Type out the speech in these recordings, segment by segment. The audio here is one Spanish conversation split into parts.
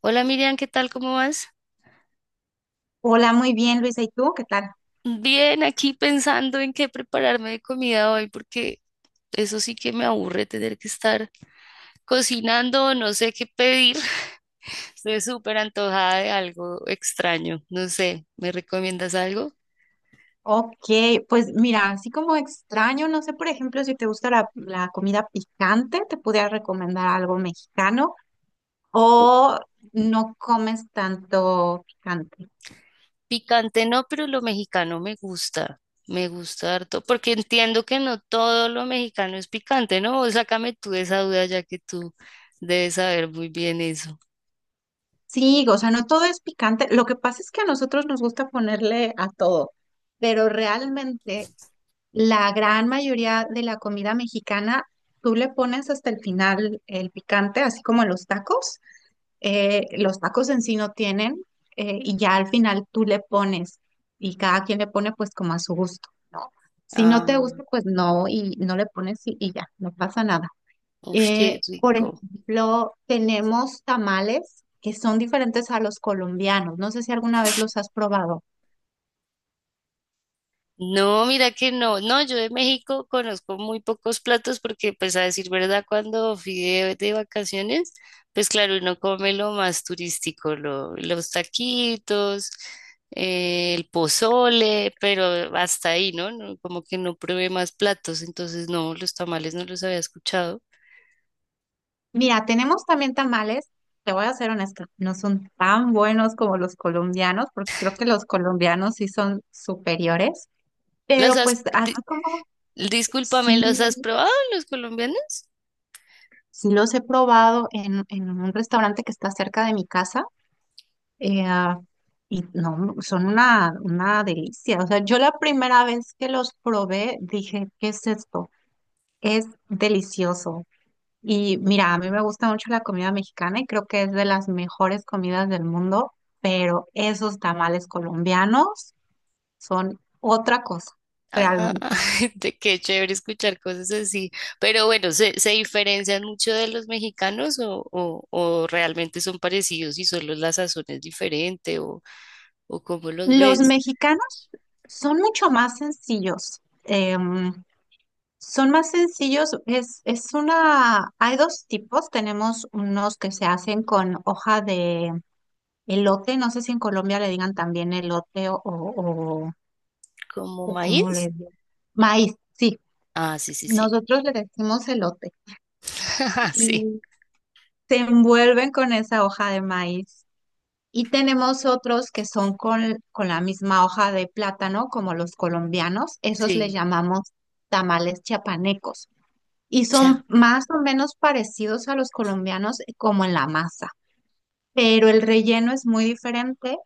Hola Miriam, ¿qué tal? ¿Cómo vas? Hola, muy bien, Luisa. ¿Y tú qué tal? Bien, aquí pensando en qué prepararme de comida hoy, porque eso sí que me aburre tener que estar cocinando, no sé qué pedir. Estoy súper antojada de algo extraño, no sé, ¿me recomiendas algo? Ok, pues mira, así como extraño, no sé, por ejemplo, si te gusta la comida picante, te pudiera recomendar algo mexicano o no comes tanto picante. Picante no, pero lo mexicano me gusta harto, porque entiendo que no todo lo mexicano es picante, ¿no? O sácame tú de esa duda, ya que tú debes saber muy bien eso. Sí, o sea, no todo es picante. Lo que pasa es que a nosotros nos gusta ponerle a todo, pero realmente la gran mayoría de la comida mexicana, tú le pones hasta el final el picante, así como en los tacos. Los tacos en sí no tienen y ya al final tú le pones y cada quien le pone pues como a su gusto, ¿no? Si no te Ah, gusta, pues no y no le pones y ya, no pasa nada. uff, qué Por rico. ejemplo, tenemos tamales que son diferentes a los colombianos. No sé si alguna vez los has probado. No, mira que no, no, yo de México conozco muy pocos platos porque pues a decir verdad, cuando fui de vacaciones, pues claro, uno come lo más turístico, los taquitos, el pozole, pero hasta ahí, ¿no? No, como que no probé más platos, entonces no, los tamales no los había escuchado. Mira, tenemos también tamales. Te voy a ser honesta, no son tan buenos como los colombianos, porque creo que los colombianos sí son superiores, ¿Los pero has, pues di- así como Discúlpame, sí, ¿los has probado los colombianos? sí los he probado en un restaurante que está cerca de mi casa eh, ah, y no, son una delicia. O sea, yo la primera vez que los probé dije, ¿qué es esto? Es delicioso. Y mira, a mí me gusta mucho la comida mexicana y creo que es de las mejores comidas del mundo, pero esos tamales colombianos son otra cosa, Ah, realmente. de qué chévere escuchar cosas así. Pero bueno, se diferencian mucho de los mexicanos o realmente son parecidos y solo la sazón es diferente o cómo los Los ves? mexicanos son mucho más sencillos. Son más sencillos, hay dos tipos, tenemos unos que se hacen con hoja de elote, no sé si en Colombia le digan también elote o, o, o, ¿Como o cómo maíz? le digan, maíz, sí, Ah, sí, sí, sí. nosotros le decimos elote Sí, y se envuelven con esa hoja de maíz. Y tenemos otros que son con la misma hoja de plátano, como los colombianos, esos le sí. llamamos tamales chiapanecos. Y Ya. son más o menos parecidos a los colombianos, como en la masa, pero el relleno es muy diferente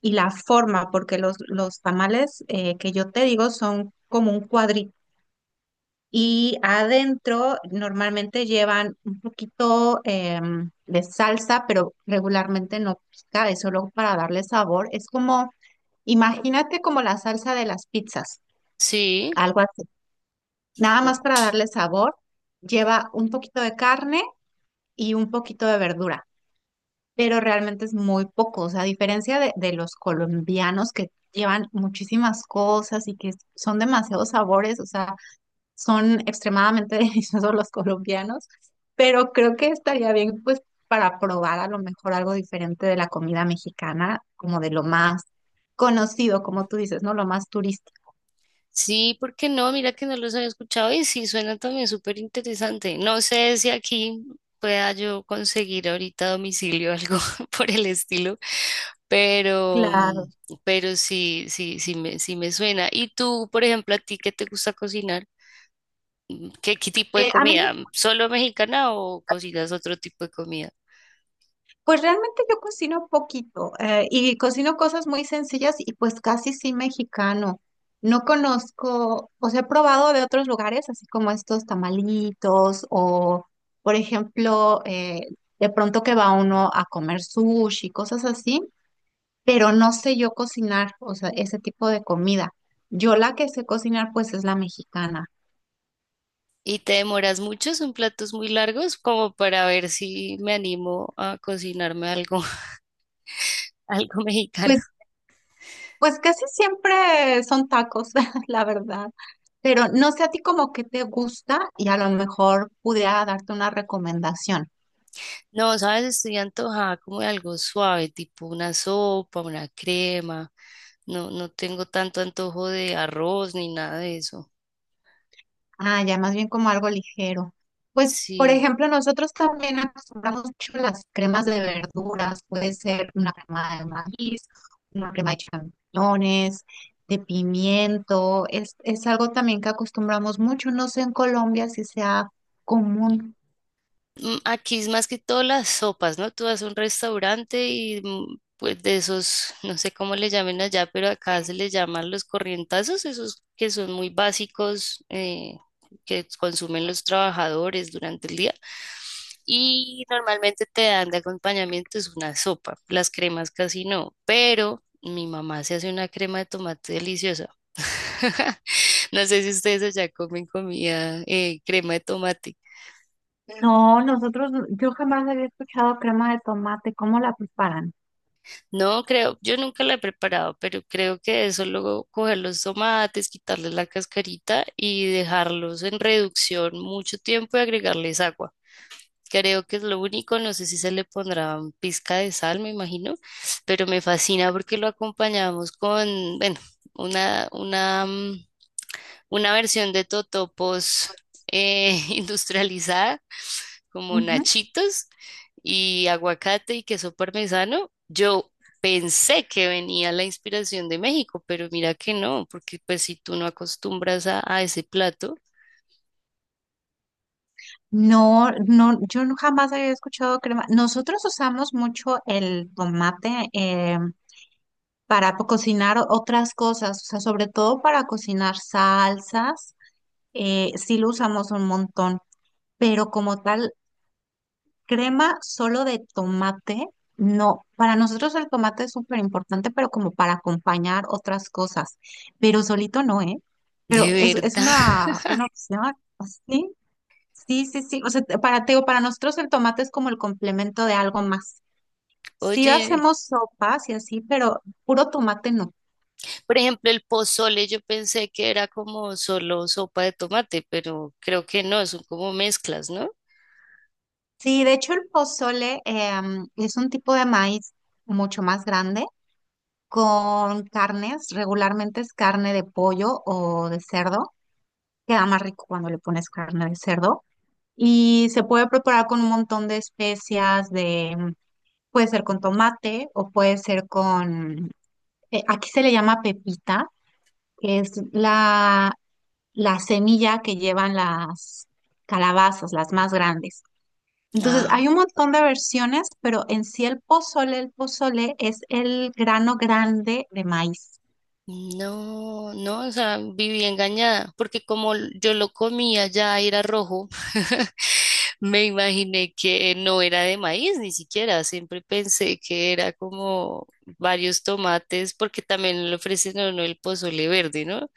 y la forma, porque los tamales que yo te digo son como un cuadrito y adentro normalmente llevan un poquito de salsa, pero regularmente no pica, es solo para darle sabor. Es como, imagínate como la salsa de las pizzas, Sí. algo así, nada más para darle sabor. Lleva un poquito de carne y un poquito de verdura, pero realmente es muy poco, o sea, a diferencia de los colombianos que llevan muchísimas cosas y que son demasiados sabores, o sea, son extremadamente deliciosos los colombianos, pero creo que estaría bien pues para probar a lo mejor algo diferente de la comida mexicana, como de lo más conocido, como tú dices, ¿no? Lo más turístico. Sí, ¿por qué no? Mira que no los había escuchado y sí, suena también súper interesante. No sé si aquí pueda yo conseguir ahorita a domicilio algo por el estilo, pero, Claro. Pero sí, sí, sí me suena. ¿Y tú, por ejemplo, a ti qué te gusta cocinar? Qué tipo de A mí, comida? ¿Solo mexicana o cocinas otro tipo de comida? pues realmente yo cocino poquito, y cocino cosas muy sencillas y pues casi sí mexicano. No conozco, o sea, he probado de otros lugares, así como estos tamalitos o, por ejemplo, de pronto que va uno a comer sushi, cosas así, pero no sé yo cocinar, o sea, ese tipo de comida. Yo la que sé cocinar pues es la mexicana. ¿Y te demoras mucho? ¿Son platos muy largos? Como para ver si me animo a cocinarme algo, algo mexicano. Pues, pues casi siempre son tacos, la verdad. Pero no sé a ti como que te gusta y a lo mejor pudiera darte una recomendación. No, sabes, estoy antojada como de algo suave, tipo una sopa, una crema. No, no tengo tanto antojo de arroz ni nada de eso. Ah, ya más bien como algo ligero. Pues, por Sí, ejemplo, nosotros también acostumbramos mucho las cremas de verduras. Puede ser una crema de maíz, una crema de champiñones, de pimiento. Es algo también que acostumbramos mucho. No sé en Colombia si sea común. Aquí es más que todo las sopas, ¿no? Tú vas a un restaurante y pues de esos, no sé cómo le llamen allá, pero acá se les llaman los corrientazos, esos que son muy básicos, que consumen los trabajadores durante el día. Y normalmente te dan de acompañamiento es una sopa, las cremas casi no, pero mi mamá se hace una crema de tomate deliciosa. No sé si ustedes allá comen comida, crema de tomate. No, nosotros, yo jamás había escuchado crema de tomate, ¿cómo la preparan? No, creo, yo nunca la he preparado, pero creo que eso luego coger los tomates, quitarles la cascarita y dejarlos en reducción mucho tiempo y agregarles agua. Creo que es lo único, no sé si se le pondrá un pizca de sal, me imagino, pero me fascina porque lo acompañamos con, bueno, una una versión de totopos industrializada, como Ujú. nachitos y aguacate y queso parmesano. Yo pensé que venía la inspiración de México, pero mira que no, porque pues si tú no acostumbras a ese plato, No, no, yo no- jamás había escuchado crema. Nosotros usamos mucho el tomate, para po- cocinar o- otras cosas, o sea, sobre todo para cocinar salsas, sí lo usamos un montón, pero como tal, crema solo de tomate, no. Para nosotros el tomate es súper importante, pero como para acompañar otras cosas. Pero solito no, ¿eh? Pero de es, es una, verdad. una opción así. Sí, sí, sí. O sea, te- para, te digo, para nosotros el tomate es como el complemento de algo más. Sí Oye, hacemos sopas y así, pero puro tomate no. por ejemplo, el pozole yo pensé que era como solo sopa de tomate, pero creo que no, son como mezclas, ¿no? Sí, de hecho el pozole es un tipo de maíz mucho más grande con carnes, regularmente es carne de pollo o de cerdo. Queda más rico cuando le pones carne de cerdo y se puede preparar con un montón de especias de, puede ser con tomate o puede ser con, aquí se le llama pepita, que es la semilla que llevan las calabazas, las más grandes. Entonces, Ah, hay un montón de versiones, pero en sí el pozole es el grano grande de maíz. no, no, o sea, viví engañada, porque como yo lo comía ya era rojo, me imaginé que no era de maíz ni siquiera, siempre pensé que era como varios tomates, porque también le ofrecen a uno el pozole verde, ¿no?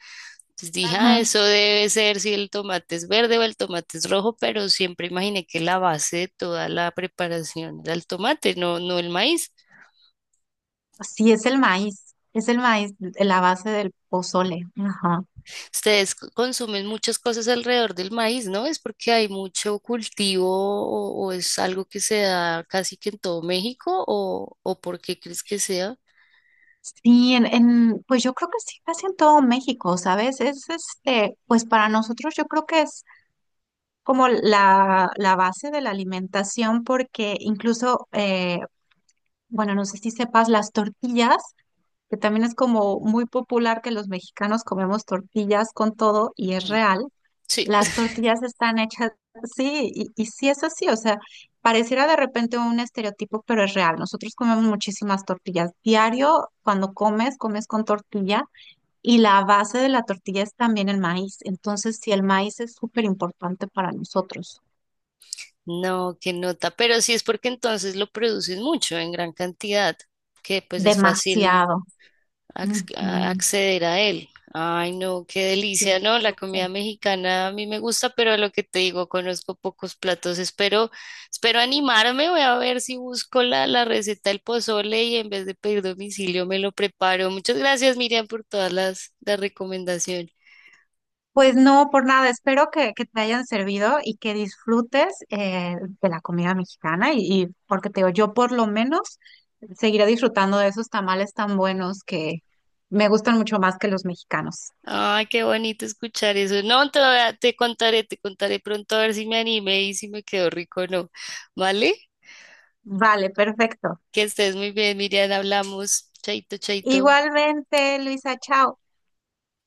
Entonces dije, ah, Ujú. eso debe ser si el tomate es verde o el tomate es rojo, pero siempre imaginé que la base de toda la preparación era el tomate, no, no el maíz. Sí, es el maíz, la base del pozole. Ajá. Ustedes consumen muchas cosas alrededor del maíz, ¿no? Es porque hay mucho cultivo o es algo que se da casi que en todo México o por qué crees que sea. Sí, en, pues yo creo que sí, casi en todo México, ¿sabes? Es este, pues para nosotros yo creo que es como la base de la alimentación, porque incluso, bueno, no sé si sepas, las tortillas, que también es como muy popular que los mexicanos comemos tortillas con todo, y es Mm, real, Sí, las tortillas están hechas, sí, y sí es así, o sea, pareciera de repente un estereotipo, pero es real. Nosotros comemos muchísimas tortillas. Diario, cuando comes, comes con tortilla. Y la base de la tortilla es también el maíz. Entonces, sí, el maíz es súper importante para nosotros. no, qué nota, pero sí es porque entonces lo producen mucho en gran cantidad, que pues es fácil Demasiado. Ujú, acceder a él. Ay, no, qué delicia, sí, ¿no? La comida súper. mexicana a mí me gusta, pero lo que te digo, conozco pocos platos. Espero, espero animarme, voy a ver si busco la receta del pozole y en vez de pedir domicilio me lo preparo. Muchas gracias, Miriam, por todas las recomendaciones. Pues no, por nada. Espero que te hayan servido y que disfrutes, de la comida mexicana. Y porque te digo, yo por lo menos seguiré disfrutando de esos tamales tan buenos que me gustan mucho más que los mexicanos. Ay, qué bonito escuchar eso. No, te, te contaré pronto a ver si me animé y si me quedó rico o no. ¿Vale? Vale, perfecto. Que estés muy bien, Miriam, hablamos. Chaito, chaito. Igualmente, Luisa, chao.